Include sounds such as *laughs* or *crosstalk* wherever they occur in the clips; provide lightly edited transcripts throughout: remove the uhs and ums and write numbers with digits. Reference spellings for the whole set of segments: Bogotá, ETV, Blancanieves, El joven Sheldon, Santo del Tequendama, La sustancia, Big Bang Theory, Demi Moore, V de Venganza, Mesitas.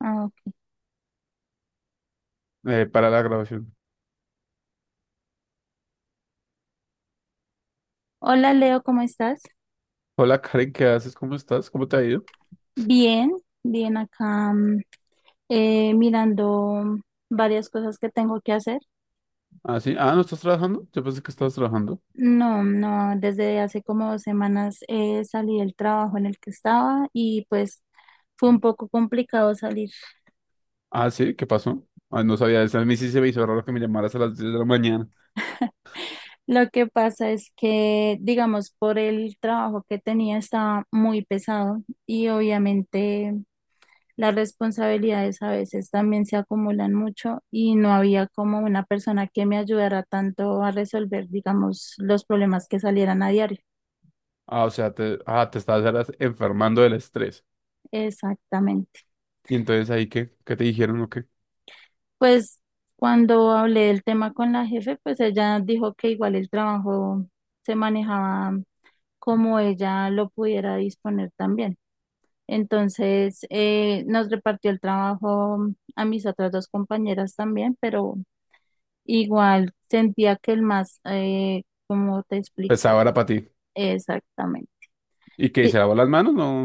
Ah, ok. Para la grabación. Hola Leo, ¿cómo estás? Hola Karen, ¿qué haces? ¿Cómo estás? ¿Cómo te ha ido? Bien, bien acá mirando varias cosas que tengo que hacer. Ah, sí. Ah, ¿no estás trabajando? Yo pensé que estabas trabajando. No, no, desde hace como 2 semanas salí del trabajo en el que estaba y pues fue un poco complicado salir. Ah, sí, ¿qué pasó? Ah, no sabía eso. A mí sí se me hizo raro que me llamaras a las diez de la mañana. Lo que pasa es que, digamos, por el trabajo que tenía estaba muy pesado y obviamente las responsabilidades a veces también se acumulan mucho y no había como una persona que me ayudara tanto a resolver, digamos, los problemas que salieran a diario. Ah, o sea, te estabas era enfermando del estrés. Exactamente. Y entonces ahí, ¿qué te dijeron o qué? Pues cuando hablé del tema con la jefe, pues ella dijo que igual el trabajo se manejaba como ella lo pudiera disponer también. Entonces, nos repartió el trabajo a mis otras dos compañeras también, pero igual sentía que el más, ¿cómo te Pesaba era explico? para ti. Exactamente. ¿Y qué? ¿Se Di- lavó las manos? No.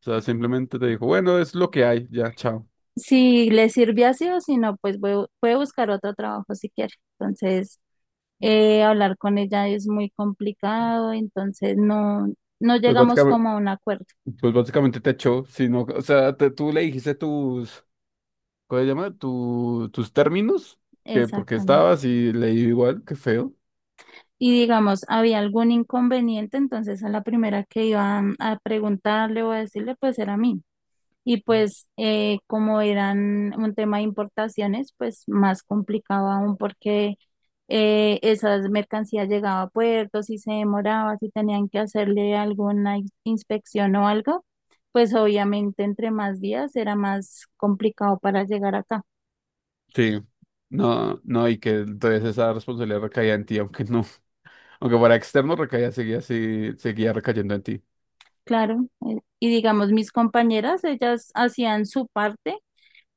O sea, simplemente te dijo, bueno, es lo que hay, ya, chao. Si le sirve así o si no, pues puede buscar otro trabajo si quiere. Entonces, hablar con ella es muy complicado, entonces no Pues llegamos básicamente, como a un acuerdo. pues básicamente te echó, sino, o sea, tú le dijiste tus, ¿Cómo se llama? ¿Tus términos? Que porque Exactamente. estabas y leí igual, qué feo. Y digamos, había algún inconveniente, entonces a la primera que iba a preguntarle o a decirle, pues era a mí. Y pues como eran un tema de importaciones, pues más complicado aún porque esas mercancías llegaban a puertos y se demoraba, si tenían que hacerle alguna inspección o algo, pues obviamente entre más días era más complicado para llegar acá. Sí. No, y que entonces esa responsabilidad recaía en ti, aunque no, *laughs* aunque para externo recaía, seguía así, seguía recayendo en ti. Claro, y digamos mis compañeras, ellas hacían su parte,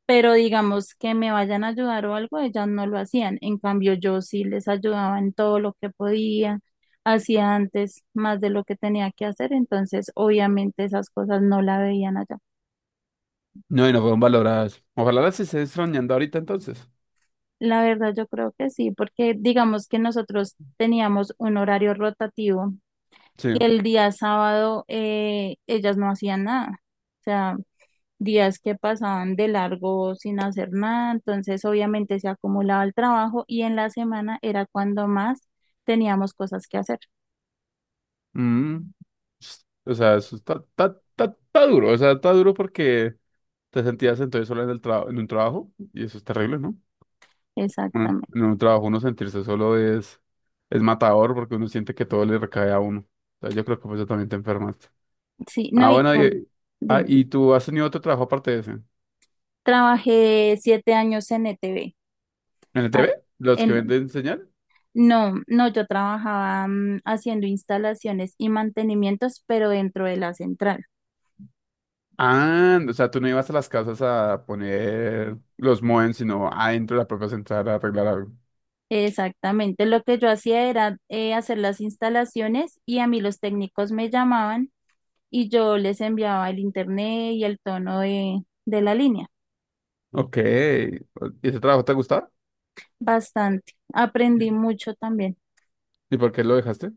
pero digamos que me vayan a ayudar o algo, ellas no lo hacían. En cambio, yo sí les ayudaba en todo lo que podía, hacía antes más de lo que tenía que hacer, entonces obviamente esas cosas no la veían allá. No, y no fueron valoradas. Ojalá las estés extrañando ahorita entonces. La verdad, yo creo que sí, porque digamos que nosotros teníamos un horario rotativo Sí. y el día sábado ellas no hacían nada. O sea, días que pasaban de largo sin hacer nada, entonces obviamente se acumulaba el trabajo y en la semana era cuando más teníamos cosas que hacer. Mm. O sea, eso está duro, o sea, está duro porque te sentías entonces solo en el trabajo, en un trabajo, y eso es terrible, ¿no? Bueno, Exactamente. en un trabajo uno sentirse solo es matador porque uno siente que todo le recae a uno. O sea, yo creo que por eso también te enfermaste. Sí, Ah, no, y bueno, con, y, ah, dime, ¿y tú has tenido otro trabajo aparte de ese? ¿En trabajé 7 años en E T ETV. el T Ah, V? ¿Los que en, venden señal? no, no, yo trabajaba haciendo instalaciones y mantenimientos, pero dentro de la central. Ah, o sea, tú no ibas a las casas a poner los modem, sino adentro de la propia central a arreglar algo. Exactamente, lo que yo hacía era hacer las instalaciones y a mí los técnicos me llamaban y yo les enviaba el internet y el tono de la línea. Ok. ¿Y ese trabajo te gustaba? Bastante. ¿Y Aprendí mucho también. y por qué lo dejaste?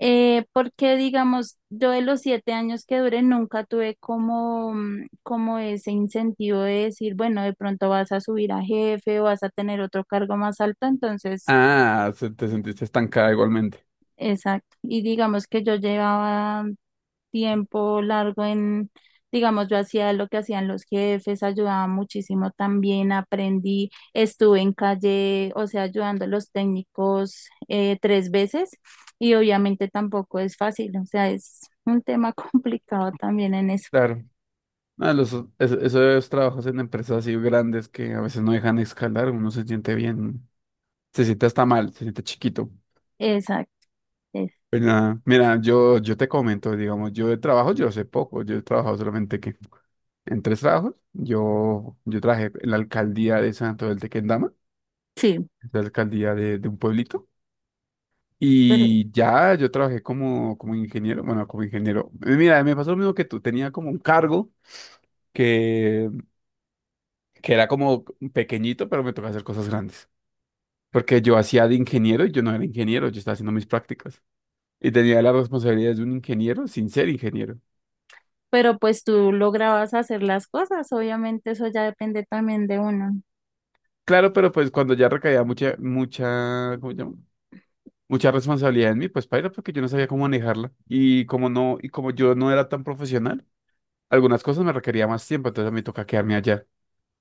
Porque, digamos, yo de los 7 años que duré nunca tuve como, como ese incentivo de decir, bueno, de pronto vas a subir a jefe o vas a tener otro cargo más alto. Entonces, Ah, te sentiste estancada igualmente. exacto. Y digamos que yo llevaba tiempo largo en, digamos, yo hacía lo que hacían los jefes, ayudaba muchísimo también, aprendí, estuve en calle, o sea, ayudando a los técnicos 3 veces y obviamente tampoco es fácil, o sea, es un tema *laughs* complicado también en eso. Claro. No, los, es- Esos trabajos en empresas así grandes que a veces no dejan escalar, uno se siente bien, se siente hasta mal, se siente chiquito. Exacto, es- Pero nada, mira, yo te comento, digamos, yo de trabajo yo sé poco, yo he trabajado solamente que en tres trabajos, yo trabajé en la alcaldía de Santo del Tequendama, sí, la alcaldía de un pueblito, pero, y ya yo trabajé como, como ingeniero, bueno, como ingeniero. Mira, me pasó lo mismo que tú, tenía como un cargo que, que era como pequeñito, pero me tocaba hacer cosas grandes. Porque yo hacía de ingeniero y yo no era ingeniero, yo estaba haciendo mis prácticas. Y tenía las responsabilidades de un ingeniero sin ser ingeniero. Pues tú lograbas hacer las cosas, obviamente eso ya depende también de uno. Claro, pero pues cuando ya recaía mucha, ¿cómo se llama? Mucha responsabilidad en mí, pues paila, porque yo no sabía cómo manejarla. Y como no, y como yo no era tan profesional, algunas cosas me requería más tiempo, entonces me toca quedarme allá.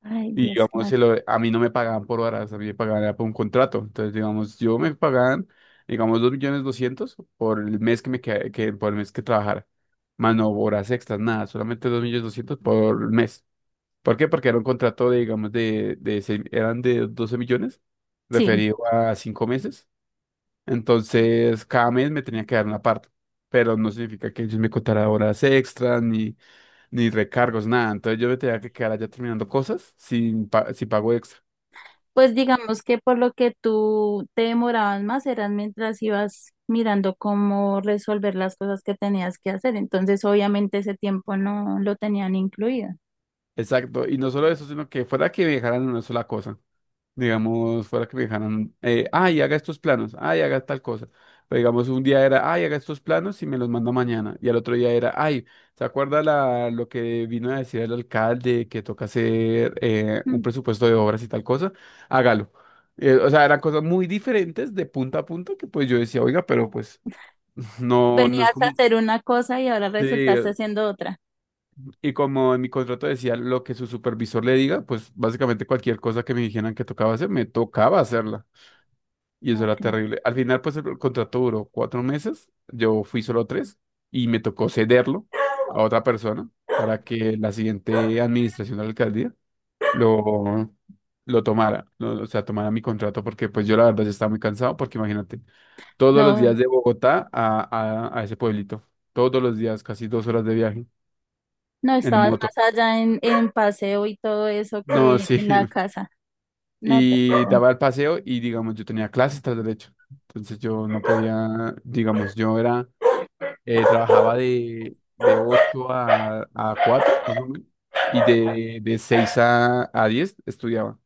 Ay, Y Dios, digamos, claro. A mí no me pagaban por horas, a mí me pagaban era por un contrato. Entonces, digamos, yo me pagaban, digamos, 2 millones doscientos por el mes que me queda- que, por el mes que trabajara. Más no horas extras, nada, solamente 2 millones doscientos por mes. ¿Por qué? Porque era un contrato de, digamos, eran de 12 millones, Sí. referido a 5 meses. Entonces, cada mes me tenía que dar una parte. Pero no significa que ellos me contara horas extras, ni recargos, nada. Entonces yo me tenía que quedar allá terminando cosas sin, sin pago extra. Pues digamos que por lo que tú te demorabas más eran mientras ibas mirando cómo resolver las cosas que tenías que hacer. Entonces, obviamente ese tiempo no lo tenían incluido. Exacto. Y no solo eso, sino que fuera que me dejaran una sola cosa. Digamos, fuera que me dejaran, ay, haga estos planos, ay, haga tal cosa. Pero digamos, un día era, ay, haga estos planos y me los manda mañana. Y al otro día era, ay, ¿se acuerda lo que vino a decir el alcalde que toca hacer un Mm. presupuesto de obras y tal cosa? Hágalo. O sea, eran cosas muy diferentes de punta a punta que pues yo decía, oiga, pero pues *laughs* no es Venías a como... hacer una cosa y ahora Sí, resultaste haciendo otra. y como en mi contrato decía lo que su supervisor le diga, pues básicamente cualquier cosa que me dijeran que tocaba hacer, me tocaba hacerla. Y eso No, era claro. terrible. Al final, pues el contrato duró cuatro meses, yo fui solo tres y me tocó cederlo a otra persona para que la siguiente administración de la alcaldía lo, lo tomara, o sea, tomara mi contrato porque pues yo la verdad ya estaba muy cansado porque imagínate, todos los No, días de Bogotá a ese pueblito, todos los días, casi dos horas de viaje no en estabas moto. más allá en paseo y todo eso No, que sí. en la *laughs* casa. No, te- eh, Y daba el paseo y, digamos, yo tenía clases tras derecho. Entonces yo no podía, digamos, yo era, trabajaba de 8 a 4 más o menos, y de 6 a 10 estudiaba.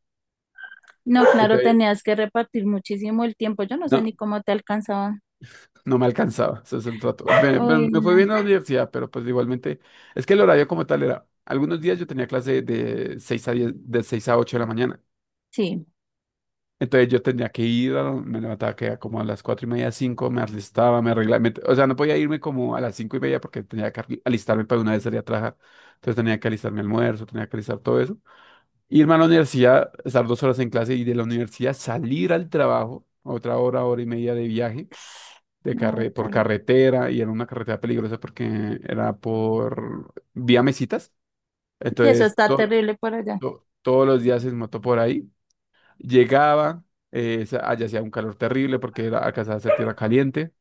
no, claro, Entonces, tenías que repartir muchísimo el tiempo. Yo no sé no, ni cómo te alcanzaba. no me alcanzaba, ese es el trato. Uy, Me fue no. bien a la universidad, pero pues igualmente, es que el horario como tal era, algunos días yo tenía clase de 6 a 10 de 6 a 8 de la mañana, Sí. Entonces yo tenía que ir, me levantaba que era como a las cuatro y media, cinco, me alistaba, me arreglaba, o sea, no podía irme como a las cinco y media porque tenía que alistarme para una vez salir a trabajar. Entonces tenía que alistar mi almuerzo, tenía que alistar todo eso. Irme a la universidad, estar dos horas en clase y de la universidad salir al trabajo, otra hora, hora y media de viaje, de No, carre por tal. carretera y era una carretera peligrosa porque era por vía Mesitas. Sí, eso Entonces está terrible por allá. Todos los días en moto por ahí. Llegaba, allá hacía un calor terrible porque era, alcanzaba a ser tierra caliente.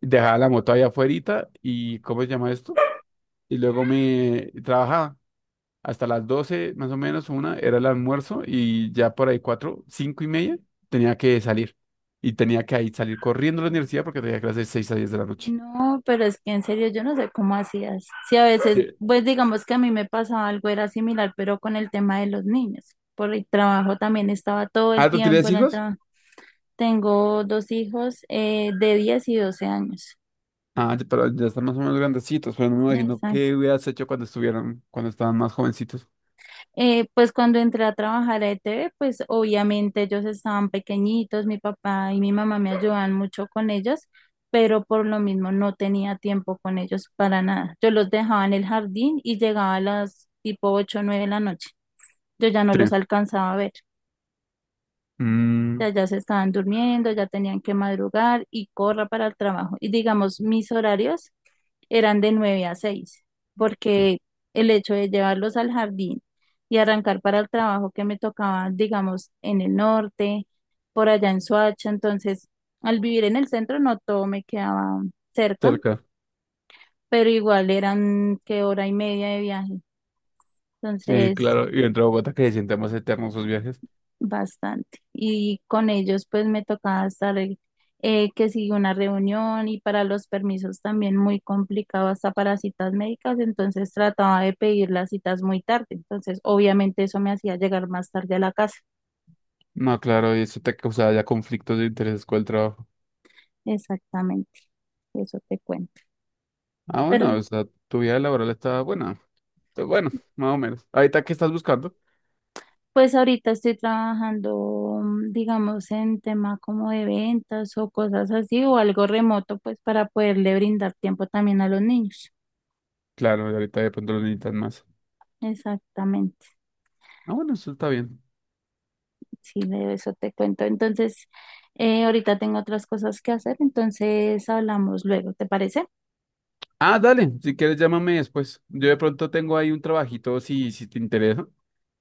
Dejaba la moto allá afuera y, ¿cómo se llama esto? Y luego me trabajaba hasta las 12 más o menos, una era el almuerzo y ya por ahí cuatro, cinco y media tenía que salir. Y tenía que ahí salir corriendo a la universidad porque tenía clases de 6 a 10 de la noche. No, pero es que en serio yo no sé cómo hacías. Sí, a veces, Ye- pues digamos que a mí me pasaba algo, era similar, pero con el tema de los niños. Por el trabajo también estaba todo el ¿Ah, tú tiempo tienes en el hijos? trabajo. Tengo 2 hijos de 10 y 12 años. Ah, pero ya están más o menos grandecitos, pero no me imagino qué hubieras hecho cuando estuvieran, cuando estaban más jovencitos. Pues cuando entré a trabajar a ETV, pues obviamente ellos estaban pequeñitos, mi papá y mi mamá me ayudaban mucho con ellos, pero por lo mismo no tenía tiempo con ellos para nada. Yo los dejaba en el jardín y llegaba a las tipo 8 o 9 de la noche. Yo ya no Sí. los alcanzaba a ver, ya, Mm, ya se estaban durmiendo, ya tenían que madrugar y corra para el trabajo. Y digamos, mis horarios eran de 9 a 6 porque el hecho de llevarlos al jardín y arrancar para el trabajo que me tocaba, digamos, en el norte, por allá en Soacha, entonces al vivir en el centro no todo me quedaba cerca, cerca. pero igual eran que 1 hora y media de viaje. Sí, Entonces, claro, y entre Bogotá que se sienten más eternos sus viajes. bastante. Y con ellos pues me tocaba estar que sigue una reunión y para los permisos también muy complicado hasta para citas médicas, entonces trataba de pedir las citas muy tarde. Entonces obviamente eso me hacía llegar más tarde a la casa. No, claro, y eso te causaba ya conflictos de intereses con el trabajo. Exactamente, eso te cuento. Ah, Pero bueno, o sea, tu vida laboral está buena. Está Bueno, más o menos. Ahorita, ¿qué estás buscando? pues ahorita estoy trabajando, digamos, en tema como de ventas o cosas así o algo remoto pues para poderle brindar tiempo también a los niños. Claro, y ahorita de pronto lo necesitan más. Exactamente. Ah, bueno, eso está bien. Sí, de eso te cuento. Entonces, ahorita tengo otras cosas que hacer, entonces hablamos luego, ¿te parece? Ah, dale, si quieres llámame después. Yo de pronto tengo ahí un trabajito, si te interesa,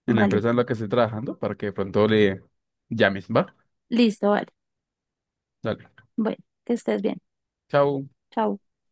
en la Vale, empresa en la que estoy trabajando, para que de pronto le llames, ¿va? listo, vale. Dale, Bueno, que estés bien. chao. Chao.